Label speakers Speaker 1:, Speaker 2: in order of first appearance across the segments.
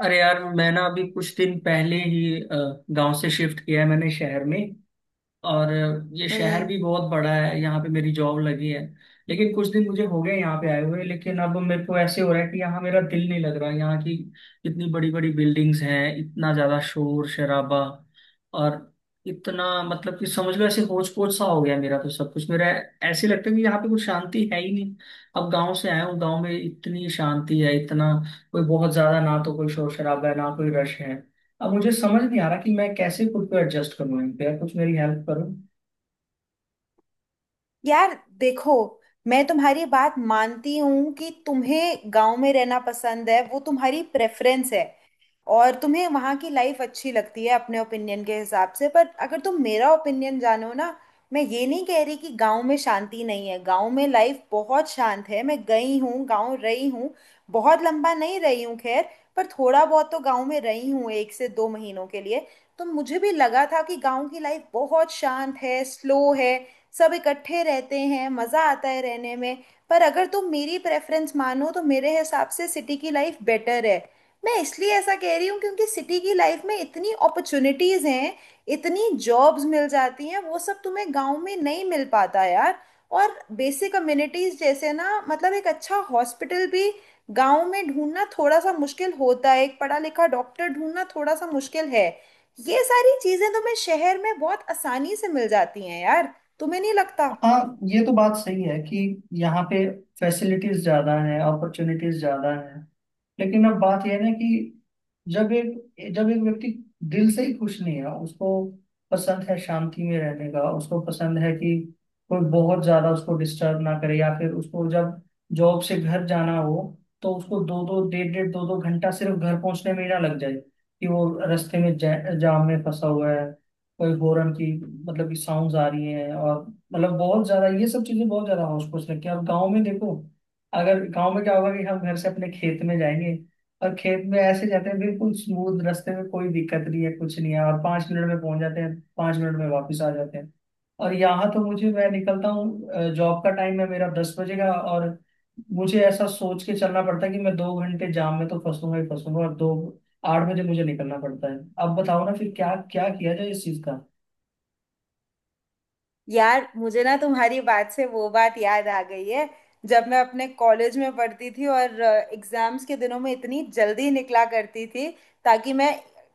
Speaker 1: अरे यार मैं ना अभी कुछ दिन पहले ही गांव से शिफ्ट किया है मैंने शहर में। और ये शहर
Speaker 2: हम्म।
Speaker 1: भी बहुत बड़ा है, यहाँ पे मेरी जॉब लगी है। लेकिन कुछ दिन मुझे हो गए यहाँ पे आए हुए, लेकिन अब मेरे को ऐसे हो रहा है कि यहाँ मेरा दिल नहीं लग रहा। यहाँ की इतनी बड़ी बड़ी बिल्डिंग्स हैं, इतना ज्यादा शोर शराबा। और इतना, मतलब कि समझ लो ऐसे होच पोच सा हो गया मेरा तो सब कुछ। मेरा ऐसे लगता है कि यहाँ पे कुछ शांति है ही नहीं। अब गांव से आया हूँ, गांव में इतनी शांति है, इतना कोई बहुत ज्यादा ना, तो कोई शोर शराबा है ना कोई रश है। अब मुझे समझ नहीं आ रहा कि मैं कैसे खुद को एडजस्ट करूँ इन पे। यार कुछ मेरी हेल्प करो।
Speaker 2: यार देखो, मैं तुम्हारी बात मानती हूँ कि तुम्हें गांव में रहना पसंद है, वो तुम्हारी प्रेफरेंस है। और तुम्हें वहाँ की लाइफ अच्छी लगती है अपने ओपिनियन के हिसाब से, पर अगर तुम मेरा ओपिनियन जानो ना, मैं ये नहीं कह रही कि गांव में शांति नहीं है। गांव में लाइफ बहुत शांत है, मैं गई हूँ, गांव रही हूँ। बहुत लंबा नहीं रही हूँ, खैर, पर थोड़ा बहुत तो गांव में रही हूँ एक से दो महीनों के लिए। तो मुझे भी लगा था कि गांव की लाइफ बहुत शांत है, स्लो है, सब इकट्ठे रहते हैं, मज़ा आता है रहने में। पर अगर तुम मेरी प्रेफरेंस मानो तो मेरे हिसाब से सिटी की लाइफ बेटर है। मैं इसलिए ऐसा कह रही हूँ क्योंकि सिटी की लाइफ में इतनी अपॉर्चुनिटीज़ हैं, इतनी जॉब्स मिल जाती हैं। वो सब तुम्हें गांव में नहीं मिल पाता यार। और बेसिक अम्यूनिटीज़ जैसे ना, मतलब एक अच्छा हॉस्पिटल भी गांव में ढूंढना थोड़ा सा मुश्किल होता है, एक पढ़ा लिखा डॉक्टर ढूंढना थोड़ा सा मुश्किल है। ये सारी चीज़ें तुम्हें शहर में बहुत आसानी से मिल जाती हैं यार। तुम्हें नहीं लगता?
Speaker 1: हाँ ये तो बात सही है कि यहाँ पे फैसिलिटीज ज्यादा हैं, अपॉर्चुनिटीज ज्यादा हैं। लेकिन अब बात यह है ना कि जब एक व्यक्ति दिल से ही खुश नहीं है, उसको पसंद है शांति में रहने का, उसको पसंद है कि कोई बहुत ज्यादा उसको डिस्टर्ब ना करे। या फिर उसको जब जॉब से घर जाना हो, तो उसको दो दो डेढ़ डेढ़ दो दो घंटा सिर्फ घर पहुंचने में ही ना लग जाए। कि वो रास्ते में जाम में फंसा हुआ है, कोई गोरन की मतलब की साउंड आ रही है। और मतलब बहुत ज्यादा ये सब चीजें बहुत ज्यादा होश पोश रखी है। और गाँव में देखो, अगर गाँव में क्या होगा कि हम घर से अपने खेत में जाएंगे और खेत में ऐसे जाते हैं, बिल्कुल स्मूथ रास्ते में कोई दिक्कत नहीं है कुछ नहीं है, और 5 मिनट में पहुंच जाते हैं, 5 मिनट में वापस आ जाते हैं। और यहाँ तो मुझे, मैं निकलता हूँ, जॉब का टाइम है मेरा 10 बजे का, और मुझे ऐसा सोच के चलना पड़ता है कि मैं 2 घंटे जाम में तो फंसूंगा ही फंसूंगा। और दो, 8 बजे मुझे निकलना पड़ता है। अब बताओ ना फिर क्या क्या किया जाए इस चीज का।
Speaker 2: यार मुझे ना तुम्हारी बात से वो बात याद आ गई है जब मैं अपने कॉलेज में पढ़ती थी, और एग्जाम्स के दिनों में इतनी जल्दी निकला करती थी ताकि मैं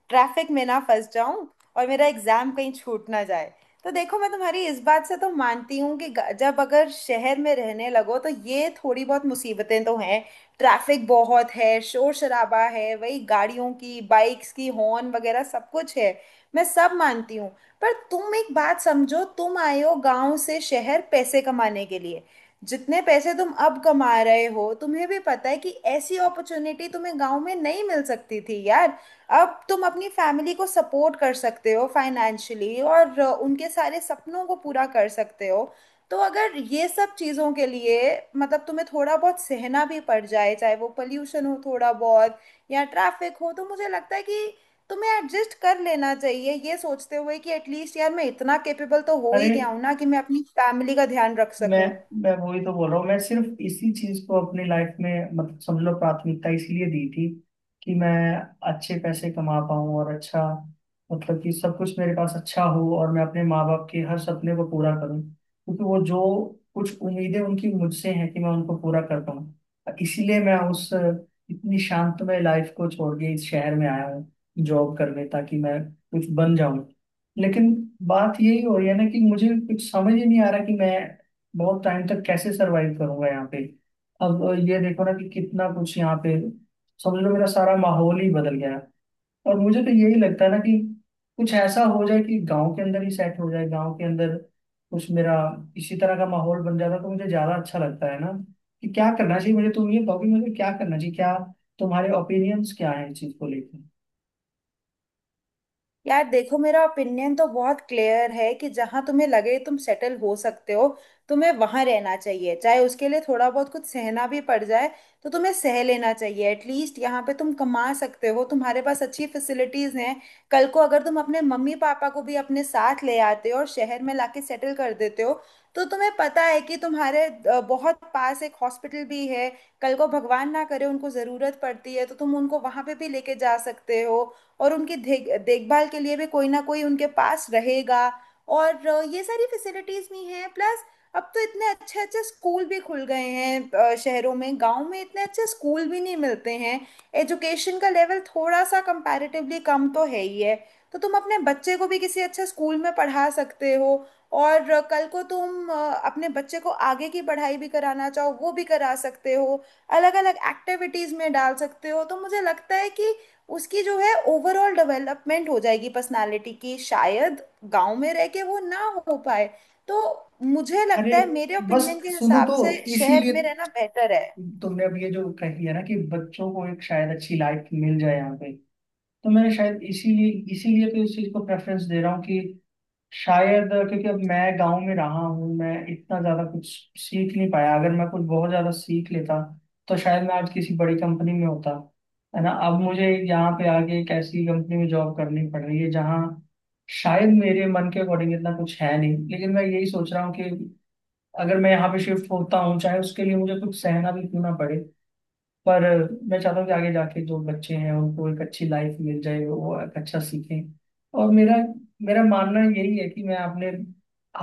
Speaker 2: ट्रैफिक में ना फंस जाऊं और मेरा एग्जाम कहीं छूट ना जाए। तो देखो, मैं तुम्हारी इस बात से तो मानती हूँ कि जब अगर शहर में रहने लगो तो ये थोड़ी बहुत मुसीबतें तो हैं। ट्रैफिक बहुत है, शोर शराबा है, वही गाड़ियों की, बाइक्स की हॉर्न वगैरह सब कुछ है। मैं सब मानती हूँ। पर तुम एक बात समझो, तुम आए हो गांव से शहर पैसे कमाने के लिए। जितने पैसे तुम अब कमा रहे हो, तुम्हें भी पता है कि ऐसी अपॉर्चुनिटी तुम्हें गांव में नहीं मिल सकती थी यार। अब तुम अपनी फैमिली को सपोर्ट कर सकते हो फाइनेंशियली, और उनके सारे सपनों को पूरा कर सकते हो। तो अगर ये सब चीज़ों के लिए, मतलब तुम्हें थोड़ा बहुत सहना भी पड़ जाए, चाहे वो पोल्यूशन हो थोड़ा बहुत या ट्रैफिक हो, तो मुझे लगता है कि तुम्हें एडजस्ट कर लेना चाहिए, ये सोचते हुए कि एटलीस्ट यार मैं इतना कैपेबल तो हो ही
Speaker 1: अरे
Speaker 2: गया हूं ना कि मैं अपनी फैमिली का ध्यान रख
Speaker 1: मैं
Speaker 2: सकूं।
Speaker 1: मैं वही तो बोल रहा हूँ। मैं सिर्फ इसी चीज को अपनी लाइफ में, मतलब समझ लो, प्राथमिकता इसलिए दी थी कि मैं अच्छे पैसे कमा पाऊँ और अच्छा, मतलब कि सब कुछ मेरे पास अच्छा हो। और मैं अपने माँ बाप के हर सपने को पूरा करूँ, क्योंकि वो जो कुछ उम्मीदें उनकी मुझसे हैं कि मैं उनको पूरा कर पाऊँ, इसीलिए मैं उस इतनी शांतमय लाइफ को छोड़ के इस शहर में आया हूँ जॉब करने, ताकि मैं कुछ बन जाऊं। लेकिन बात यही हो रही है ना कि मुझे कुछ समझ ही नहीं आ रहा कि मैं बहुत टाइम तक कैसे सरवाइव करूंगा यहाँ पे। अब ये देखो ना कि कितना कुछ यहाँ पे, समझ लो मेरा सारा माहौल ही बदल गया है। और मुझे तो यही लगता है ना कि कुछ ऐसा हो जाए कि गांव के अंदर ही सेट हो जाए। गांव के अंदर कुछ मेरा इसी तरह का माहौल बन जाता तो मुझे ज्यादा अच्छा लगता है ना। कि क्या करना चाहिए मुझे, तुम ये कहो कि मुझे क्या करना चाहिए, क्या तुम्हारे ओपिनियंस क्या है इस चीज को लेकर।
Speaker 2: यार देखो, मेरा ओपिनियन तो बहुत क्लियर है कि जहां तुम्हें लगे तुम सेटल हो सकते हो, तुम्हें वहां रहना चाहिए, चाहे उसके लिए थोड़ा बहुत कुछ सहना भी पड़ जाए तो तुम्हें सह लेना चाहिए। एटलीस्ट यहाँ पे तुम कमा सकते हो, तुम्हारे पास अच्छी फैसिलिटीज हैं। कल को अगर तुम अपने मम्मी पापा को भी अपने साथ ले आते हो और शहर में लाके सेटल कर देते हो, तो तुम्हें पता है कि तुम्हारे बहुत पास एक हॉस्पिटल भी है। कल को भगवान ना करे उनको ज़रूरत पड़ती है, तो तुम उनको वहां पे भी लेके जा सकते हो, और उनकी देख देखभाल के लिए भी कोई ना कोई उनके पास रहेगा। और ये सारी फैसिलिटीज भी हैं। प्लस अब तो इतने अच्छे अच्छे स्कूल भी खुल गए हैं शहरों में। गांव में इतने अच्छे स्कूल भी नहीं मिलते हैं, एजुकेशन का लेवल थोड़ा सा कंपैरेटिवली कम तो है ही है। तो तुम अपने बच्चे को भी किसी अच्छे स्कूल में पढ़ा सकते हो, और कल को तुम अपने बच्चे को आगे की पढ़ाई भी कराना चाहो वो भी करा सकते हो। अलग अलग एक्टिविटीज में डाल सकते हो। तो मुझे लगता है कि उसकी जो है ओवरऑल डेवलपमेंट हो जाएगी पर्सनालिटी की, शायद गांव में रह के वो ना हो पाए। तो मुझे
Speaker 1: अरे
Speaker 2: लगता है मेरे
Speaker 1: बस
Speaker 2: ओपिनियन के
Speaker 1: सुनो
Speaker 2: हिसाब
Speaker 1: तो,
Speaker 2: से शहर
Speaker 1: इसीलिए
Speaker 2: में रहना बेहतर है।
Speaker 1: तुमने अब ये जो कही है ना कि बच्चों को एक शायद अच्छी लाइफ मिल जाए यहाँ पे, तो मैंने शायद इसीलिए, तो इस चीज को प्रेफरेंस दे रहा हूँ कि शायद क्योंकि अब मैं गांव में रहा हूँ, मैं इतना ज्यादा कुछ सीख नहीं पाया। अगर मैं कुछ बहुत ज्यादा सीख लेता तो शायद मैं आज किसी बड़ी कंपनी में होता, है ना। अब मुझे यहाँ पे आके एक ऐसी कंपनी में जॉब करनी पड़ रही है जहाँ शायद मेरे मन के अकॉर्डिंग इतना कुछ है नहीं। लेकिन मैं यही सोच रहा हूँ कि अगर मैं यहाँ पे शिफ्ट होता हूँ चाहे उसके लिए मुझे कुछ सहना भी क्यों ना पड़े, पर मैं चाहता हूँ कि आगे जाके जो बच्चे हैं उनको एक अच्छी लाइफ मिल जाए, वो एक अच्छा सीखें। और मेरा मेरा मानना यही है कि मैं अपने,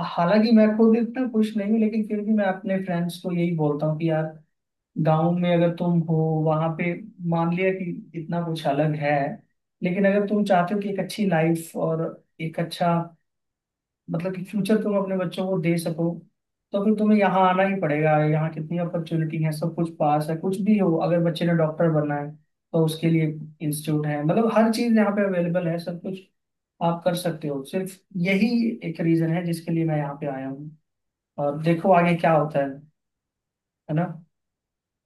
Speaker 1: हालांकि मैं खुद इतना खुश नहीं हूँ, लेकिन फिर भी मैं अपने फ्रेंड्स को यही बोलता हूँ कि यार, गांव में अगर तुम हो वहां पे, मान लिया कि इतना कुछ अलग है, लेकिन अगर तुम चाहते हो कि एक अच्छी लाइफ और एक अच्छा मतलब कि फ्यूचर तुम अपने बच्चों को दे सको, तो फिर तुम्हें यहाँ आना ही पड़ेगा। यहाँ कितनी अपॉर्चुनिटी है, सब कुछ पास है। कुछ भी हो, अगर बच्चे ने डॉक्टर बनना है तो उसके लिए इंस्टीट्यूट है, मतलब हर चीज यहाँ पे अवेलेबल है, सब कुछ आप कर सकते हो। सिर्फ यही एक रीजन है जिसके लिए मैं यहाँ पे आया हूँ, और देखो आगे क्या होता है ना।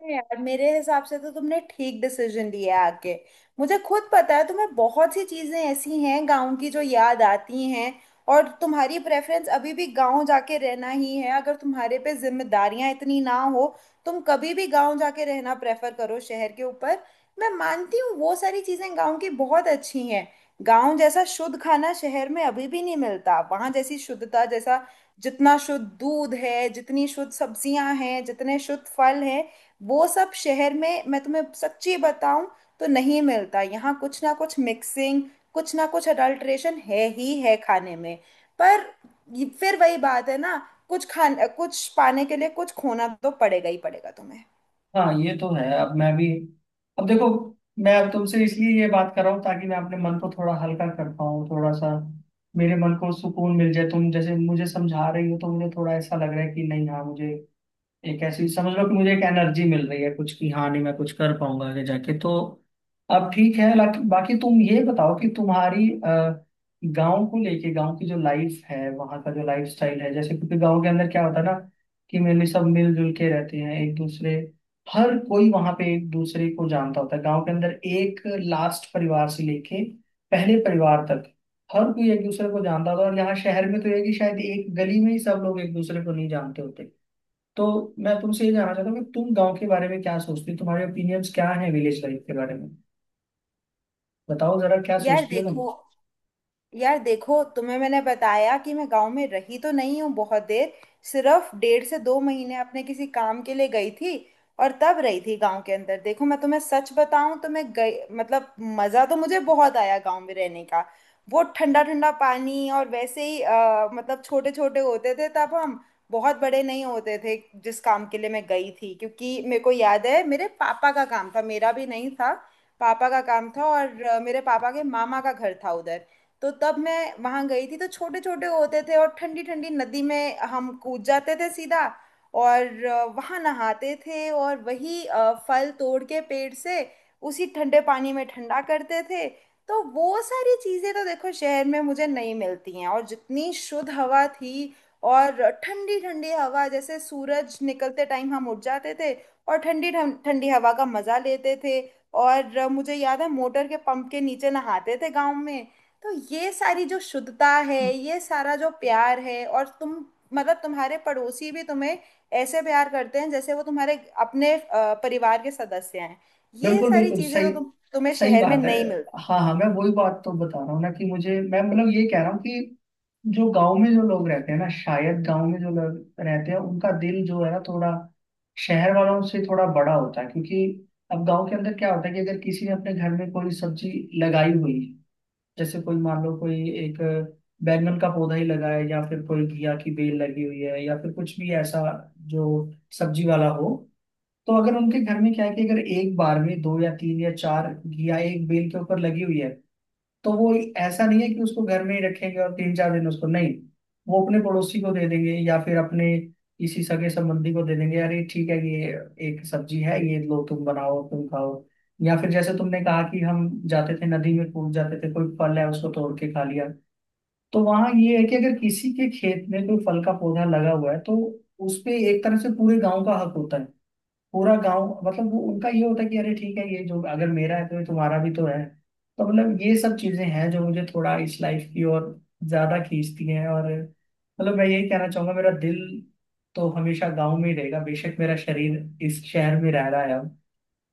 Speaker 2: अरे यार, मेरे हिसाब से तो तुमने ठीक डिसीजन लिया है आके। मुझे खुद पता है तुम्हें बहुत सी चीजें ऐसी हैं गांव की जो याद आती हैं, और तुम्हारी प्रेफरेंस अभी भी गांव जाके रहना ही है। अगर तुम्हारे पे जिम्मेदारियां इतनी ना हो, तुम कभी भी गांव जाके रहना प्रेफर करो शहर के ऊपर। मैं मानती हूँ, वो सारी चीजें गांव की बहुत अच्छी हैं। गांव जैसा शुद्ध खाना शहर में अभी भी नहीं मिलता, वहां जैसी शुद्धता जैसा, जितना शुद्ध दूध है, जितनी शुद्ध सब्जियां हैं, जितने शुद्ध फल हैं, वो सब शहर में मैं तुम्हें सच्ची बताऊं तो नहीं मिलता। यहाँ कुछ ना कुछ मिक्सिंग, कुछ ना कुछ अडल्ट्रेशन है ही है खाने में। पर फिर वही बात है ना, कुछ खान कुछ पाने के लिए कुछ खोना तो पड़ेगा ही पड़ेगा तुम्हें।
Speaker 1: हाँ ये तो है। अब मैं भी, अब देखो, मैं अब तुमसे इसलिए ये बात कर रहा हूँ ताकि मैं अपने मन को थोड़ा हल्का कर पाऊँ, थोड़ा सा मेरे मन को सुकून मिल जाए। तुम जैसे मुझे समझा रही हो तो मुझे थोड़ा ऐसा लग रहा है कि नहीं, हाँ मुझे एक ऐसी, समझ लो कि मुझे एक एनर्जी मिल रही है कुछ की, हाँ नहीं मैं कुछ कर पाऊंगा आगे जाके तो। अब ठीक है, बाकी तुम ये बताओ कि तुम्हारी, गांव को लेके गांव की जो लाइफ है, वहाँ का जो लाइफ स्टाइल है, जैसे क्योंकि गांव के अंदर क्या होता है ना कि मेनली सब मिलजुल के रहते हैं एक दूसरे, हर कोई वहाँ पे एक दूसरे को जानता होता है। गांव के अंदर एक लास्ट परिवार से लेके पहले परिवार तक हर कोई एक दूसरे को जानता होता है। और यहाँ शहर में तो ये है कि शायद एक गली में ही सब लोग एक दूसरे को नहीं जानते होते। तो मैं तुमसे ये जानना चाहता हूँ कि तुम गांव के बारे में क्या सोचती हो, तुम्हारे ओपिनियंस क्या हैं विलेज लाइफ के बारे में। बताओ जरा क्या
Speaker 2: यार
Speaker 1: सोचती हो तुम।
Speaker 2: देखो, यार देखो, तुम्हें मैंने बताया कि मैं गांव में रही तो नहीं हूँ बहुत देर, सिर्फ डेढ़ से दो महीने अपने किसी काम के लिए गई थी, और तब रही थी गांव के अंदर। देखो मैं तुम्हें सच बताऊं तो मैं गई, मतलब मज़ा तो मुझे बहुत आया गांव में रहने का। वो ठंडा ठंडा पानी, और वैसे ही मतलब छोटे छोटे होते थे तब हम, बहुत बड़े नहीं होते थे जिस काम के लिए मैं गई थी। क्योंकि मेरे को याद है मेरे पापा का काम था, मेरा भी नहीं था, पापा का काम था। और मेरे पापा के मामा का घर था उधर, तो तब मैं वहां गई थी। तो छोटे छोटे होते थे और ठंडी ठंडी नदी में हम कूद जाते थे सीधा, और वहां नहाते थे, और वही फल तोड़ के पेड़ से उसी ठंडे पानी में ठंडा करते थे। तो वो सारी चीजें तो देखो शहर में मुझे नहीं मिलती हैं। और जितनी शुद्ध हवा थी, और ठंडी ठंडी हवा, जैसे सूरज निकलते टाइम हम उठ जाते थे और ठंडी हवा का मजा लेते थे। और मुझे याद है मोटर के पंप के नीचे नहाते थे गांव में। तो ये सारी जो शुद्धता है, ये सारा जो प्यार है, और तुम, मतलब तुम्हारे पड़ोसी भी तुम्हें ऐसे प्यार करते हैं जैसे वो तुम्हारे अपने परिवार के सदस्य हैं। ये
Speaker 1: बिल्कुल
Speaker 2: सारी
Speaker 1: बिल्कुल
Speaker 2: चीजें
Speaker 1: सही।
Speaker 2: तो तुम्हें
Speaker 1: सही
Speaker 2: शहर में
Speaker 1: बात है।
Speaker 2: नहीं मिलती।
Speaker 1: हाँ हाँ मैं वही बात तो बता रहा हूँ ना कि मुझे, मैं मतलब ये कह रहा हूँ कि जो गांव में जो लोग रहते हैं ना, शायद गांव में जो लोग रहते हैं उनका दिल जो है ना, थोड़ा शहर वालों से थोड़ा बड़ा होता है। क्योंकि अब गांव के अंदर क्या होता है कि अगर किसी ने अपने घर में कोई सब्जी लगाई हुई, जैसे कोई मान लो कोई एक बैंगन का पौधा ही लगा है, या फिर कोई घिया की बेल लगी हुई है, या फिर कुछ भी ऐसा जो सब्जी वाला हो, तो अगर उनके घर में क्या है कि अगर एक बार में दो या तीन या चार घिया एक बेल के ऊपर लगी हुई है, तो वो ऐसा नहीं है कि उसको घर में ही रखेंगे और तीन चार दिन उसको नहीं, वो अपने पड़ोसी को दे देंगे या फिर अपने किसी सगे संबंधी को दे देंगे। अरे ठीक है ये एक सब्जी है, ये लो तुम बनाओ तुम खाओ। या फिर जैसे तुमने कहा कि हम जाते थे नदी में कूद जाते थे, कोई फल है उसको तोड़ के खा लिया। तो वहाँ ये है कि अगर किसी के खेत में कोई फल का पौधा लगा हुआ है, तो उस पे एक तरह से पूरे गांव का हक होता है। पूरा गांव, मतलब वो उनका ये होता है कि अरे ठीक है ये जो अगर मेरा है तो ये तुम्हारा भी तो है। तो मतलब ये सब चीजें हैं जो मुझे थोड़ा इस लाइफ की ओर ज्यादा खींचती हैं। और मतलब मैं यही कहना चाहूंगा, मेरा दिल तो हमेशा गांव में ही रहेगा। बेशक मेरा शरीर इस शहर में रह रहा है अब।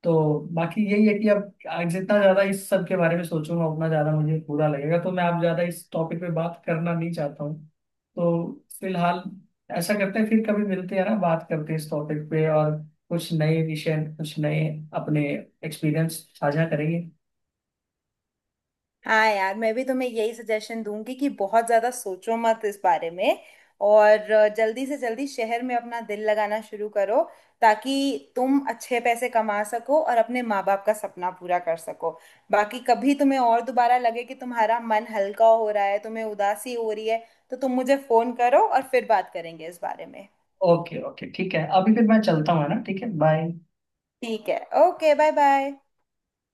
Speaker 1: तो बाकी यही है कि अब जितना ज्यादा इस सब के बारे में सोचूंगा उतना ज्यादा मुझे बुरा लगेगा, तो मैं आप ज्यादा इस टॉपिक पे बात करना नहीं चाहता हूँ। तो फिलहाल ऐसा करते हैं, फिर कभी मिलते हैं ना, बात करते हैं इस टॉपिक पे और कुछ नए विषय, कुछ नए अपने एक्सपीरियंस साझा करेंगे।
Speaker 2: हाँ यार, मैं भी तुम्हें यही सजेशन दूंगी कि बहुत ज्यादा सोचो मत इस बारे में, और जल्दी से जल्दी शहर में अपना दिल लगाना शुरू करो, ताकि तुम अच्छे पैसे कमा सको और अपने माँ बाप का सपना पूरा कर सको। बाकी कभी तुम्हें और दोबारा लगे कि तुम्हारा मन हल्का हो रहा है, तुम्हें उदासी हो रही है, तो तुम मुझे फोन करो और फिर बात करेंगे इस बारे में।
Speaker 1: ओके ओके ठीक है, अभी फिर मैं चलता हूँ, है ना, ठीक है बाय।
Speaker 2: ठीक है, ओके, बाय बाय।